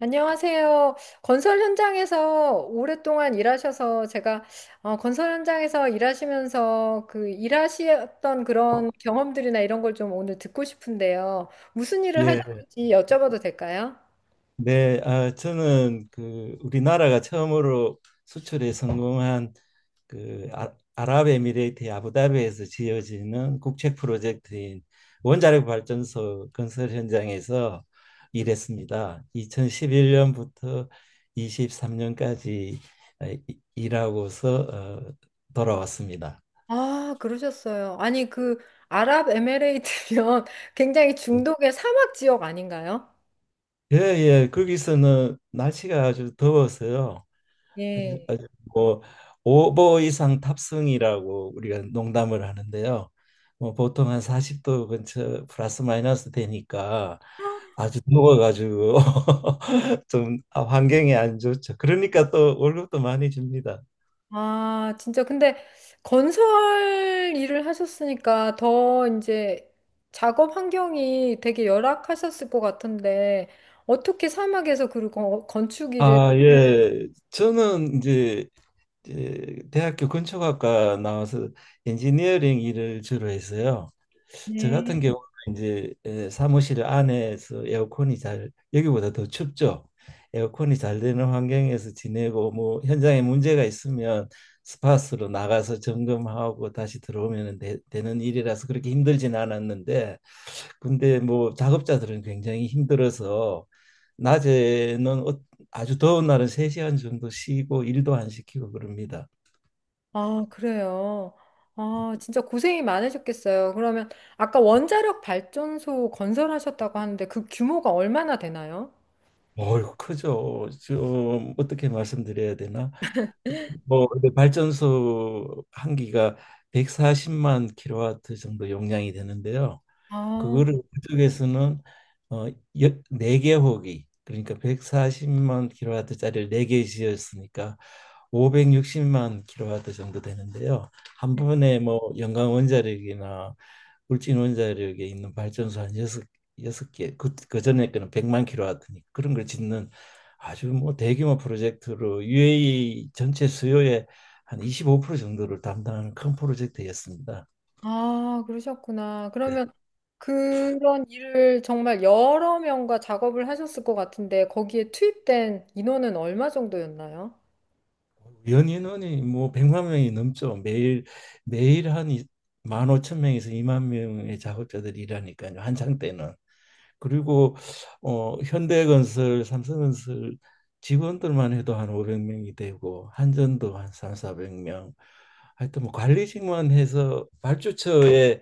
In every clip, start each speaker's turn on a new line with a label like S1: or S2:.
S1: 안녕하세요. 건설 현장에서 오랫동안 일하셔서 제가 건설 현장에서 일하시면서 그 일하셨던 그런 경험들이나 이런 걸 좀 오늘 듣고 싶은데요. 무슨 일을
S2: 예,
S1: 하셨는지 여쭤봐도 될까요?
S2: 네, 저는 그 우리나라가 처음으로 수출에 성공한 그 아랍에미레이트의 아부다비에서 지어지는 국책 프로젝트인 원자력 발전소 건설 현장에서 일했습니다. 2011년부터 23년까지 일하고서 어, 돌아왔습니다.
S1: 아, 그러셨어요. 아니, 그 아랍에미레이트면 굉장히 중동의 사막 지역 아닌가요?
S2: 예, 예, 거기서는 날씨가 아주 더워서요. 아주
S1: 예.
S2: 아주 뭐 5보 이상 탑승이라고 우리가 농담을 하는데요. 뭐 보통 한 40도 근처 플러스 마이너스 되니까 아주 누워가지고 좀 환경이 안 좋죠. 그러니까 또 월급도 많이 줍니다.
S1: 아, 진짜. 근데 건설 일을 하셨으니까 더 이제 작업 환경이 되게 열악하셨을 것 같은데, 어떻게 사막에서 그리고 건축 일을,
S2: 예. 저는 이제 대학교 건축학과 나와서 엔지니어링 일을 주로 했어요. 저 같은
S1: 네.
S2: 경우는 이제 사무실 안에서 에어컨이 잘 여기보다 더 춥죠. 에어컨이 잘 되는 환경에서 지내고 뭐 현장에 문제가 있으면 스팟으로 나가서 점검하고 다시 들어오면 되는 일이라서 그렇게 힘들진 않았는데 근데 뭐 작업자들은 굉장히 힘들어서 낮에는 아주 더운 날은 세시간 정도 쉬고 일도 안 시키고 그럽니다.
S1: 아, 그래요. 아, 진짜 고생이 많으셨겠어요. 그러면 아까 원자력 발전소 건설하셨다고 하는데 그 규모가 얼마나 되나요?
S2: 어휴, 크죠. 좀 어떻게 말씀드려야 되나? 뭐 뭐 근데 발전소 한 기가 140만 킬로와트 정도 용량이 되는데요.
S1: 아,
S2: 그거를 그쪽에서는 어, 네개 호기 그러니까 140만 킬로와트짜리를 네개 지었으니까 560만 킬로와트 정도 되는데요. 한
S1: 네.
S2: 번에 뭐연광 원자력이나 울진 원자력에 있는 발전소 한 여섯 개, 그 전에 거는 100만 킬로와트니까 그런 걸 짓는 아주 뭐 대규모 프로젝트로 UAE 전체 수요의 한 25% 정도를 담당하는 큰 프로젝트였습니다.
S1: 아, 그러셨구나.
S2: 네.
S1: 그러면 그런 일을 정말 여러 명과 작업을 하셨을 것 같은데 거기에 투입된 인원은 얼마 정도였나요?
S2: 연인원이 뭐 100만 명이 넘죠. 매일 매일 한 1 5천명에서 2만 명의 작업자들이 일하니까요. 한창 때는. 그리고 현대건설, 삼성건설 직원들만 해도 한5백명이 되고 한전도 한 3, 4백명 하여튼 뭐 관리직만 해서 발주처에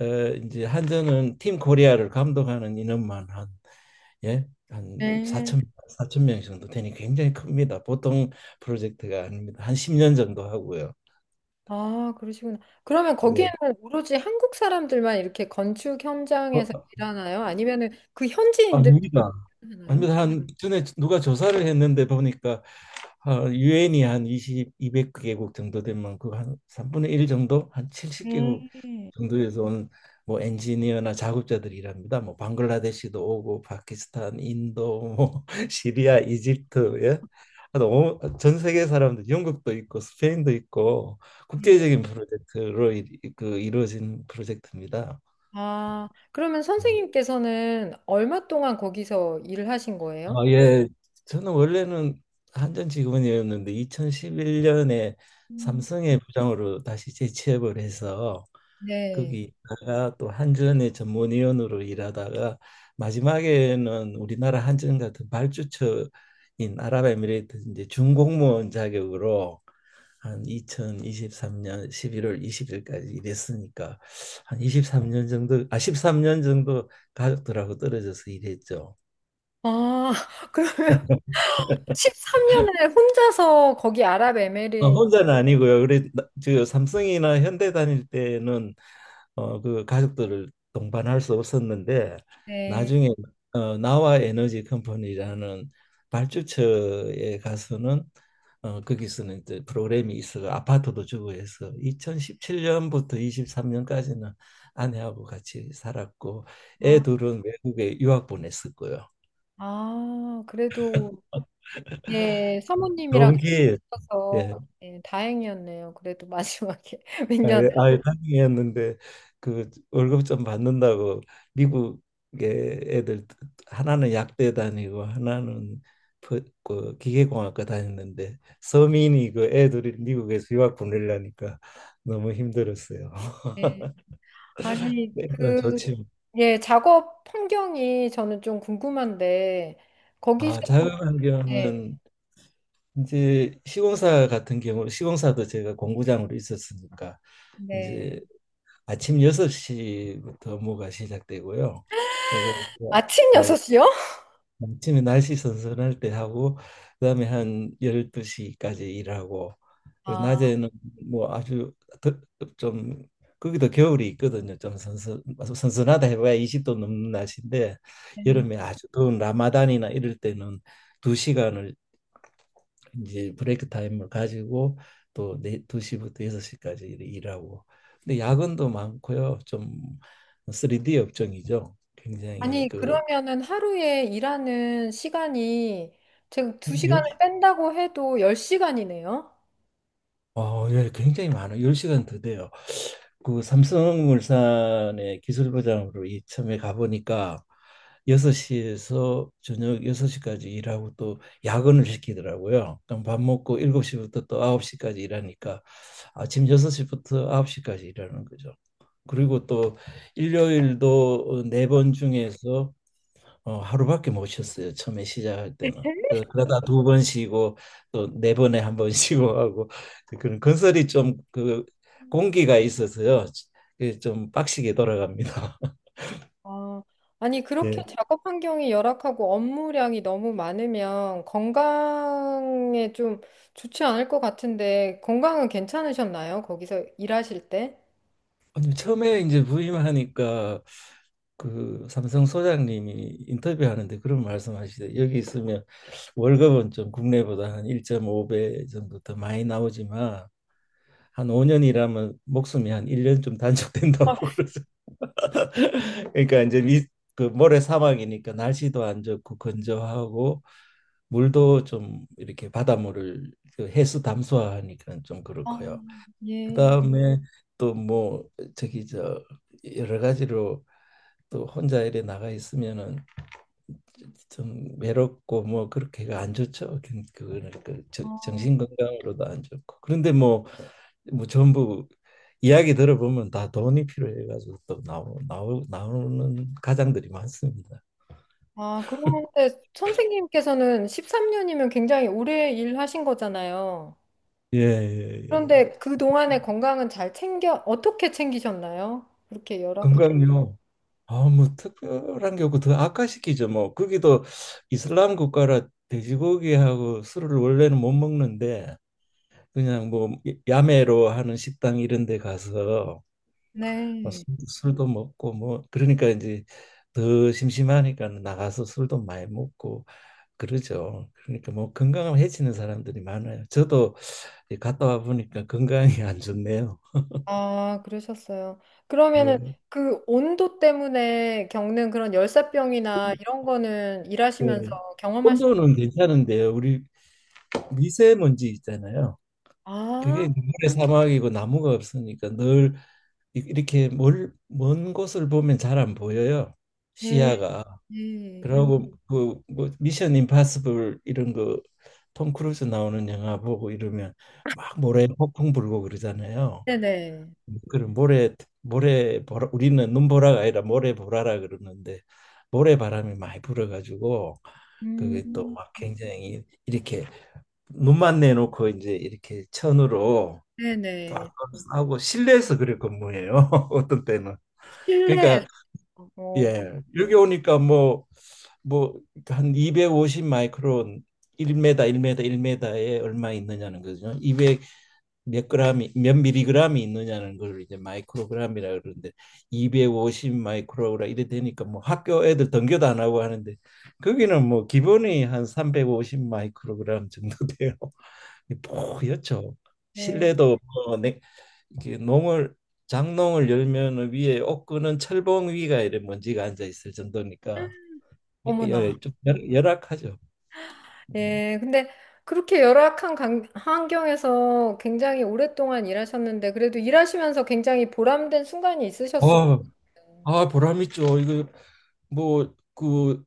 S2: 어, 이제 한전은 팀 코리아를 감독하는 인원만 한 예? 한
S1: 네.
S2: 4천 사천 명 정도 되니 굉장히 큽니다. 보통 프로젝트가 아닙니다. 한 10년 정도 하고요.
S1: 아, 그러시구나. 그러면
S2: 예.
S1: 거기에는 오로지 한국 사람들만 이렇게 건축 현장에서
S2: 어,
S1: 일하나요? 아니면은 그 현지인들
S2: 아닙니다.
S1: 하나요?
S2: 아닙니다. 한 전에 누가 조사를 했는데 보니까 유엔이 한 200개국 정도 되면 그 한 3분의 1 정도 한 70개국
S1: 음.
S2: 정도에서 온 뭐 엔지니어나 작업자들이랍니다. 뭐 방글라데시도 오고 파키스탄, 인도, 뭐 시리아, 이집트, 예. 하여튼 전 세계 사람들 영국도 있고 스페인도 있고
S1: 네.
S2: 국제적인 프로젝트로 그 이루어진 프로젝트입니다.
S1: 아, 그러면
S2: 네.
S1: 선생님께서는 얼마 동안 거기서 일을 하신 거예요?
S2: 예. 저는 원래는 한전 직원이었는데 2011년에
S1: 음.
S2: 삼성의 부장으로 다시 재취업을 해서
S1: 네.
S2: 거기 있다가 또 한전의 전문위원으로 일하다가 마지막에는 우리나라 한전 같은 발주처인 아랍에미레이트 이제 준공무원 자격으로 한 2023년 11월 20일까지 일했으니까 한 23년 정도 13년 정도 가족들하고 떨어져서 일했죠.
S1: 아, 그러면 13년을 혼자서 거기 아랍에미리
S2: 혼자는 아니고요. 그래 저 삼성이나 현대 다닐 때는 그 가족들을 동반할 수 없었는데
S1: 네.
S2: 나중에 나와 에너지 컴퍼니라는 발주처에 가서는 거기서는 이제 프로그램이 있어서 아파트도 주고 해서 2017년부터 23년까지는 아내하고 같이 살았고 애
S1: 아,
S2: 둘은 외국에 유학 보냈었고요.
S1: 아, 그래도, 예, 사모님이랑
S2: 좋은
S1: 같이
S2: 기회.
S1: 있어서
S2: 예.
S1: 예, 다행이었네요. 그래도 마지막에 몇 년.
S2: 아예 아예 다행이었는데 그 월급 좀 받는다고 미국에 애들 하나는 약대 다니고 하나는 그 기계공학과 다녔는데 서민이 그 애들이 미국에서 유학 보내려니까 너무 힘들었어요.
S1: 예. 아니,
S2: 일단 좋
S1: 그,
S2: 지
S1: 예, 작업 환경이 저는 좀 궁금한데, 거기서도, 예, 네.
S2: 자유환경은 이제 시공사 같은 경우 시공사도 제가 공구장으로 있었으니까 이제
S1: 네.
S2: 아침 6시부터 업무가 시작되고요. 그리고
S1: 아침 6시요?
S2: 아침에 날씨 선선할 때 하고 그다음에 한 12시까지 일하고 그리고
S1: 아,
S2: 낮에는 뭐 아주 더- 좀 거기도 겨울이 있거든요. 좀 선선하다 해봐야 20도 넘는 날씨인데
S1: 네.
S2: 여름에 아주 더운 라마단이나 이럴 때는 두시간을 이제 브레이크 타임을 가지고 또 네, 2시부터 6시까지 일하고 근데 야근도 많고요. 좀 3D 업종이죠. 굉장히
S1: 아니, 그러면은 하루에 일하는 시간이 제가 2시간을 뺀다고 해도 10시간이네요?
S2: 예, 굉장히 많아요. 10시간 더 돼요. 그 삼성물산의 기술부장으로 이참에 가보니까 6시에서 저녁 6시까지 일하고 또 야근을 시키더라고요. 그럼 밥 먹고 7시부터 또 9시까지 일하니까 아침 6시부터 9시까지 일하는 거죠. 그리고 또 일요일도 네번 중에서 하루밖에 못 쉬었어요. 처음에 시작할 때는. 그러다 두 번 쉬고 또 네 번에 한 번 쉬고 하고 그런 건설이 좀 그 공기가 있어서요. 그좀 빡시게 돌아갑니다.
S1: 아, 아니, 그렇게
S2: 예.
S1: 작업 환경이 열악하고 업무량이 너무 많으면 건강에 좀 좋지 않을 것 같은데, 건강은 괜찮으셨나요? 거기서 일하실 때?
S2: 아니, 처음에 이제 부임하니까 그 삼성 소장님이 인터뷰하는데 그런 말씀하시대. 여기 있으면 월급은 좀 국내보다 한 1.5배 정도 더 많이 나오지만 한 5년 일하면 목숨이 한 1년 좀 단축된다고
S1: 아,
S2: 그러더라고요. 그러니까 이제 그 모래 사막이니까 날씨도 안 좋고 건조하고 물도 좀 이렇게 바닷물을 그 해수 담수화하니까 좀
S1: 아,
S2: 그렇고요.
S1: 예.
S2: 그다음에 또 뭐 저기 저 여러 가지로 또 혼자 이래 나가 있으면은 좀 외롭고 뭐 그렇게가 안 좋죠. 그거는 그
S1: 아,
S2: 정신 건강으로도 안 좋고. 그런데 뭐 전부 이야기 들어보면 다 돈이 필요해가지고 또 나오는 가장들이 많습니다.
S1: 아, 그런데 선생님께서는 13년이면 굉장히 오래 일하신 거잖아요.
S2: 예, 예, 예.
S1: 그런데 그동안의 건강은 잘 챙겨, 어떻게 챙기셨나요? 그렇게 열악한.
S2: 건강요. 뭐 특별한 게 없고 더 악화시키죠. 뭐 거기도 이슬람 국가라 돼지고기하고 술을 원래는 못 먹는데 그냥 뭐 야매로 하는 식당 이런 데 가서 뭐
S1: 네.
S2: 술도 먹고 뭐 그러니까 이제 더 심심하니까 나가서 술도 많이 먹고 그러죠. 그러니까 뭐 건강을 해치는 사람들이 많아요. 저도 이 갔다 와 보니까 건강이 안 좋네요.
S1: 아, 그러셨어요. 그러면은
S2: 예.
S1: 그 온도 때문에 겪는 그런 열사병이나 이런 거는 일하시면서
S2: 그
S1: 경험하시,
S2: 온도는 괜찮은데요. 우리 미세먼지 있잖아요. 그게
S1: 아,
S2: 눈의 사막이고 나무가 없으니까 늘 이렇게 먼 곳을 보면 잘 안 보여요.
S1: 네,
S2: 시야가.
S1: 네.
S2: 그러고 그뭐 미션 임파서블 이런 거 톰 크루즈 나오는 영화 보고 이러면 막 모래 폭풍 불고 그러잖아요.
S1: 네네.
S2: 그런 모래 보라 우리는 눈보라가 아니라 모래 보라라 그러는데 모래 바람이 많이 불어가지고 그게 또
S1: 음,
S2: 막 굉장히 이렇게 눈만 내놓고 이제 이렇게 천으로
S1: 네네.
S2: 딱 하고 실내에서 그래 근무해요. 어떤 때는 그러니까
S1: 실내에서. 어,
S2: 예. 여기 오니까 뭐 한 250 마이크론 1m, 1m, 1m에 얼마 있느냐는 거죠. 200 몇 그램이 몇 밀리그램이 있느냐는 걸 이제 마이크로그램이라 그러는데 250 마이크로라 이래 되니까 뭐 학교 애들 등교도 안 하고 하는데 거기는 뭐 기본이 한 350 마이크로그램 정도 돼요. 뽀얗죠.
S1: 네.
S2: 실내도 뭐 이렇게 농을 장농을 열면 위에 옷구는 철봉 위가 이래 먼지가 앉아 있을 정도니까 예,
S1: 어머나.
S2: 예, 좀 열악하죠.
S1: 예, 근데 그렇게 열악한 환경에서 굉장히 오랫동안 일하셨는데, 그래도 일하시면서 굉장히 보람된 순간이 있으셨을
S2: 아,
S1: 거예요.
S2: 보람 있죠. 이거 뭐그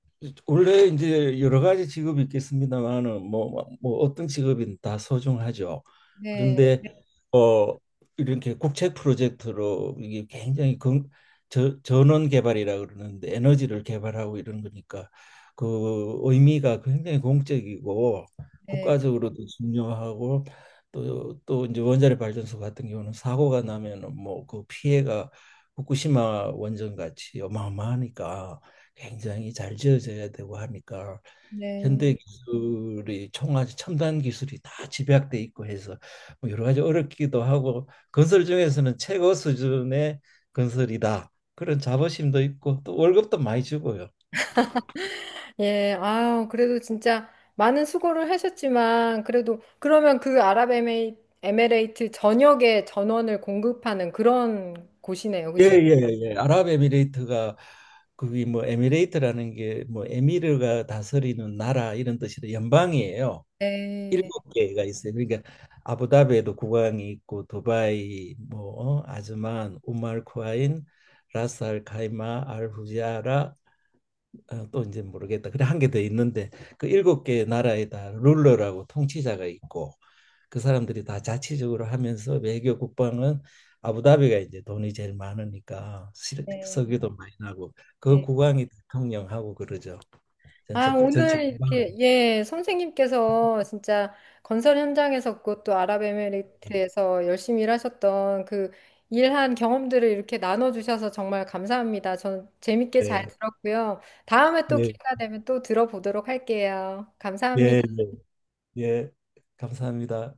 S2: 원래 이제 여러 가지 직업이 있겠습니다만은 뭐 어떤 직업이든 다 소중하죠.
S1: 네,
S2: 그런데 어 이렇게 국책 프로젝트로 이게 굉장히 전원 개발이라 그러는데 에너지를 개발하고 이런 거니까 그 의미가 굉장히 공적이고
S1: 네,
S2: 국가적으로도 중요하고 또 또 이제 원자력 발전소 같은 경우는 사고가 나면은 뭐 그 피해가 후쿠시마 원전 같이 어마어마하니까 굉장히 잘 지어져야 되고 하니까 현대
S1: 네.
S2: 기술이 총알 첨단 기술이 다 집약돼 있고 해서 뭐 여러 가지 어렵기도 하고 건설 중에서는 최고 수준의 건설이다 그런 자부심도 있고 또 월급도 많이 주고요.
S1: 예, 아우, 그래도 진짜 많은 수고를 하셨지만, 그래도, 그러면 그 아랍에미레이트 전역에 전원을 공급하는 그런 곳이네요. 그렇죠?
S2: 예예예. 예, 예. 아랍에미레이트가 그게 뭐 에미레이트라는 게 뭐 에미르가 다스리는 나라 이런 뜻이라 연방이에요.
S1: 네.
S2: 일곱 개가 있어요. 그러니까 아부다비에도 국왕이 있고 도바이, 뭐 아즈만, 우말 쿠아인, 라스알 카이마, 알 후지아라 또 이제 모르겠다. 그래 한 개 더 있는데 그 일곱 개 나라에 다 룰러라고 통치자가 있고 그 사람들이 다 자치적으로 하면서 외교 국방은 아부다비가 이제 돈이 제일 많으니까
S1: 네.
S2: 석유도 많이 나고 그
S1: 네.
S2: 국왕이 대통령하고 그러죠.
S1: 아,
S2: 전체
S1: 오늘
S2: 국방.
S1: 이렇게, 예, 선생님께서 진짜 건설 현장에서 그것도 아랍에미레이트에서 열심히 일하셨던 그 일한 경험들을 이렇게 나눠주셔서 정말 감사합니다. 전 재밌게 잘
S2: 예,
S1: 들었고요. 다음에 또
S2: 예,
S1: 기회가 되면 또 들어보도록 할게요.
S2: 예, 예.
S1: 감사합니다.
S2: 예, 감사합니다.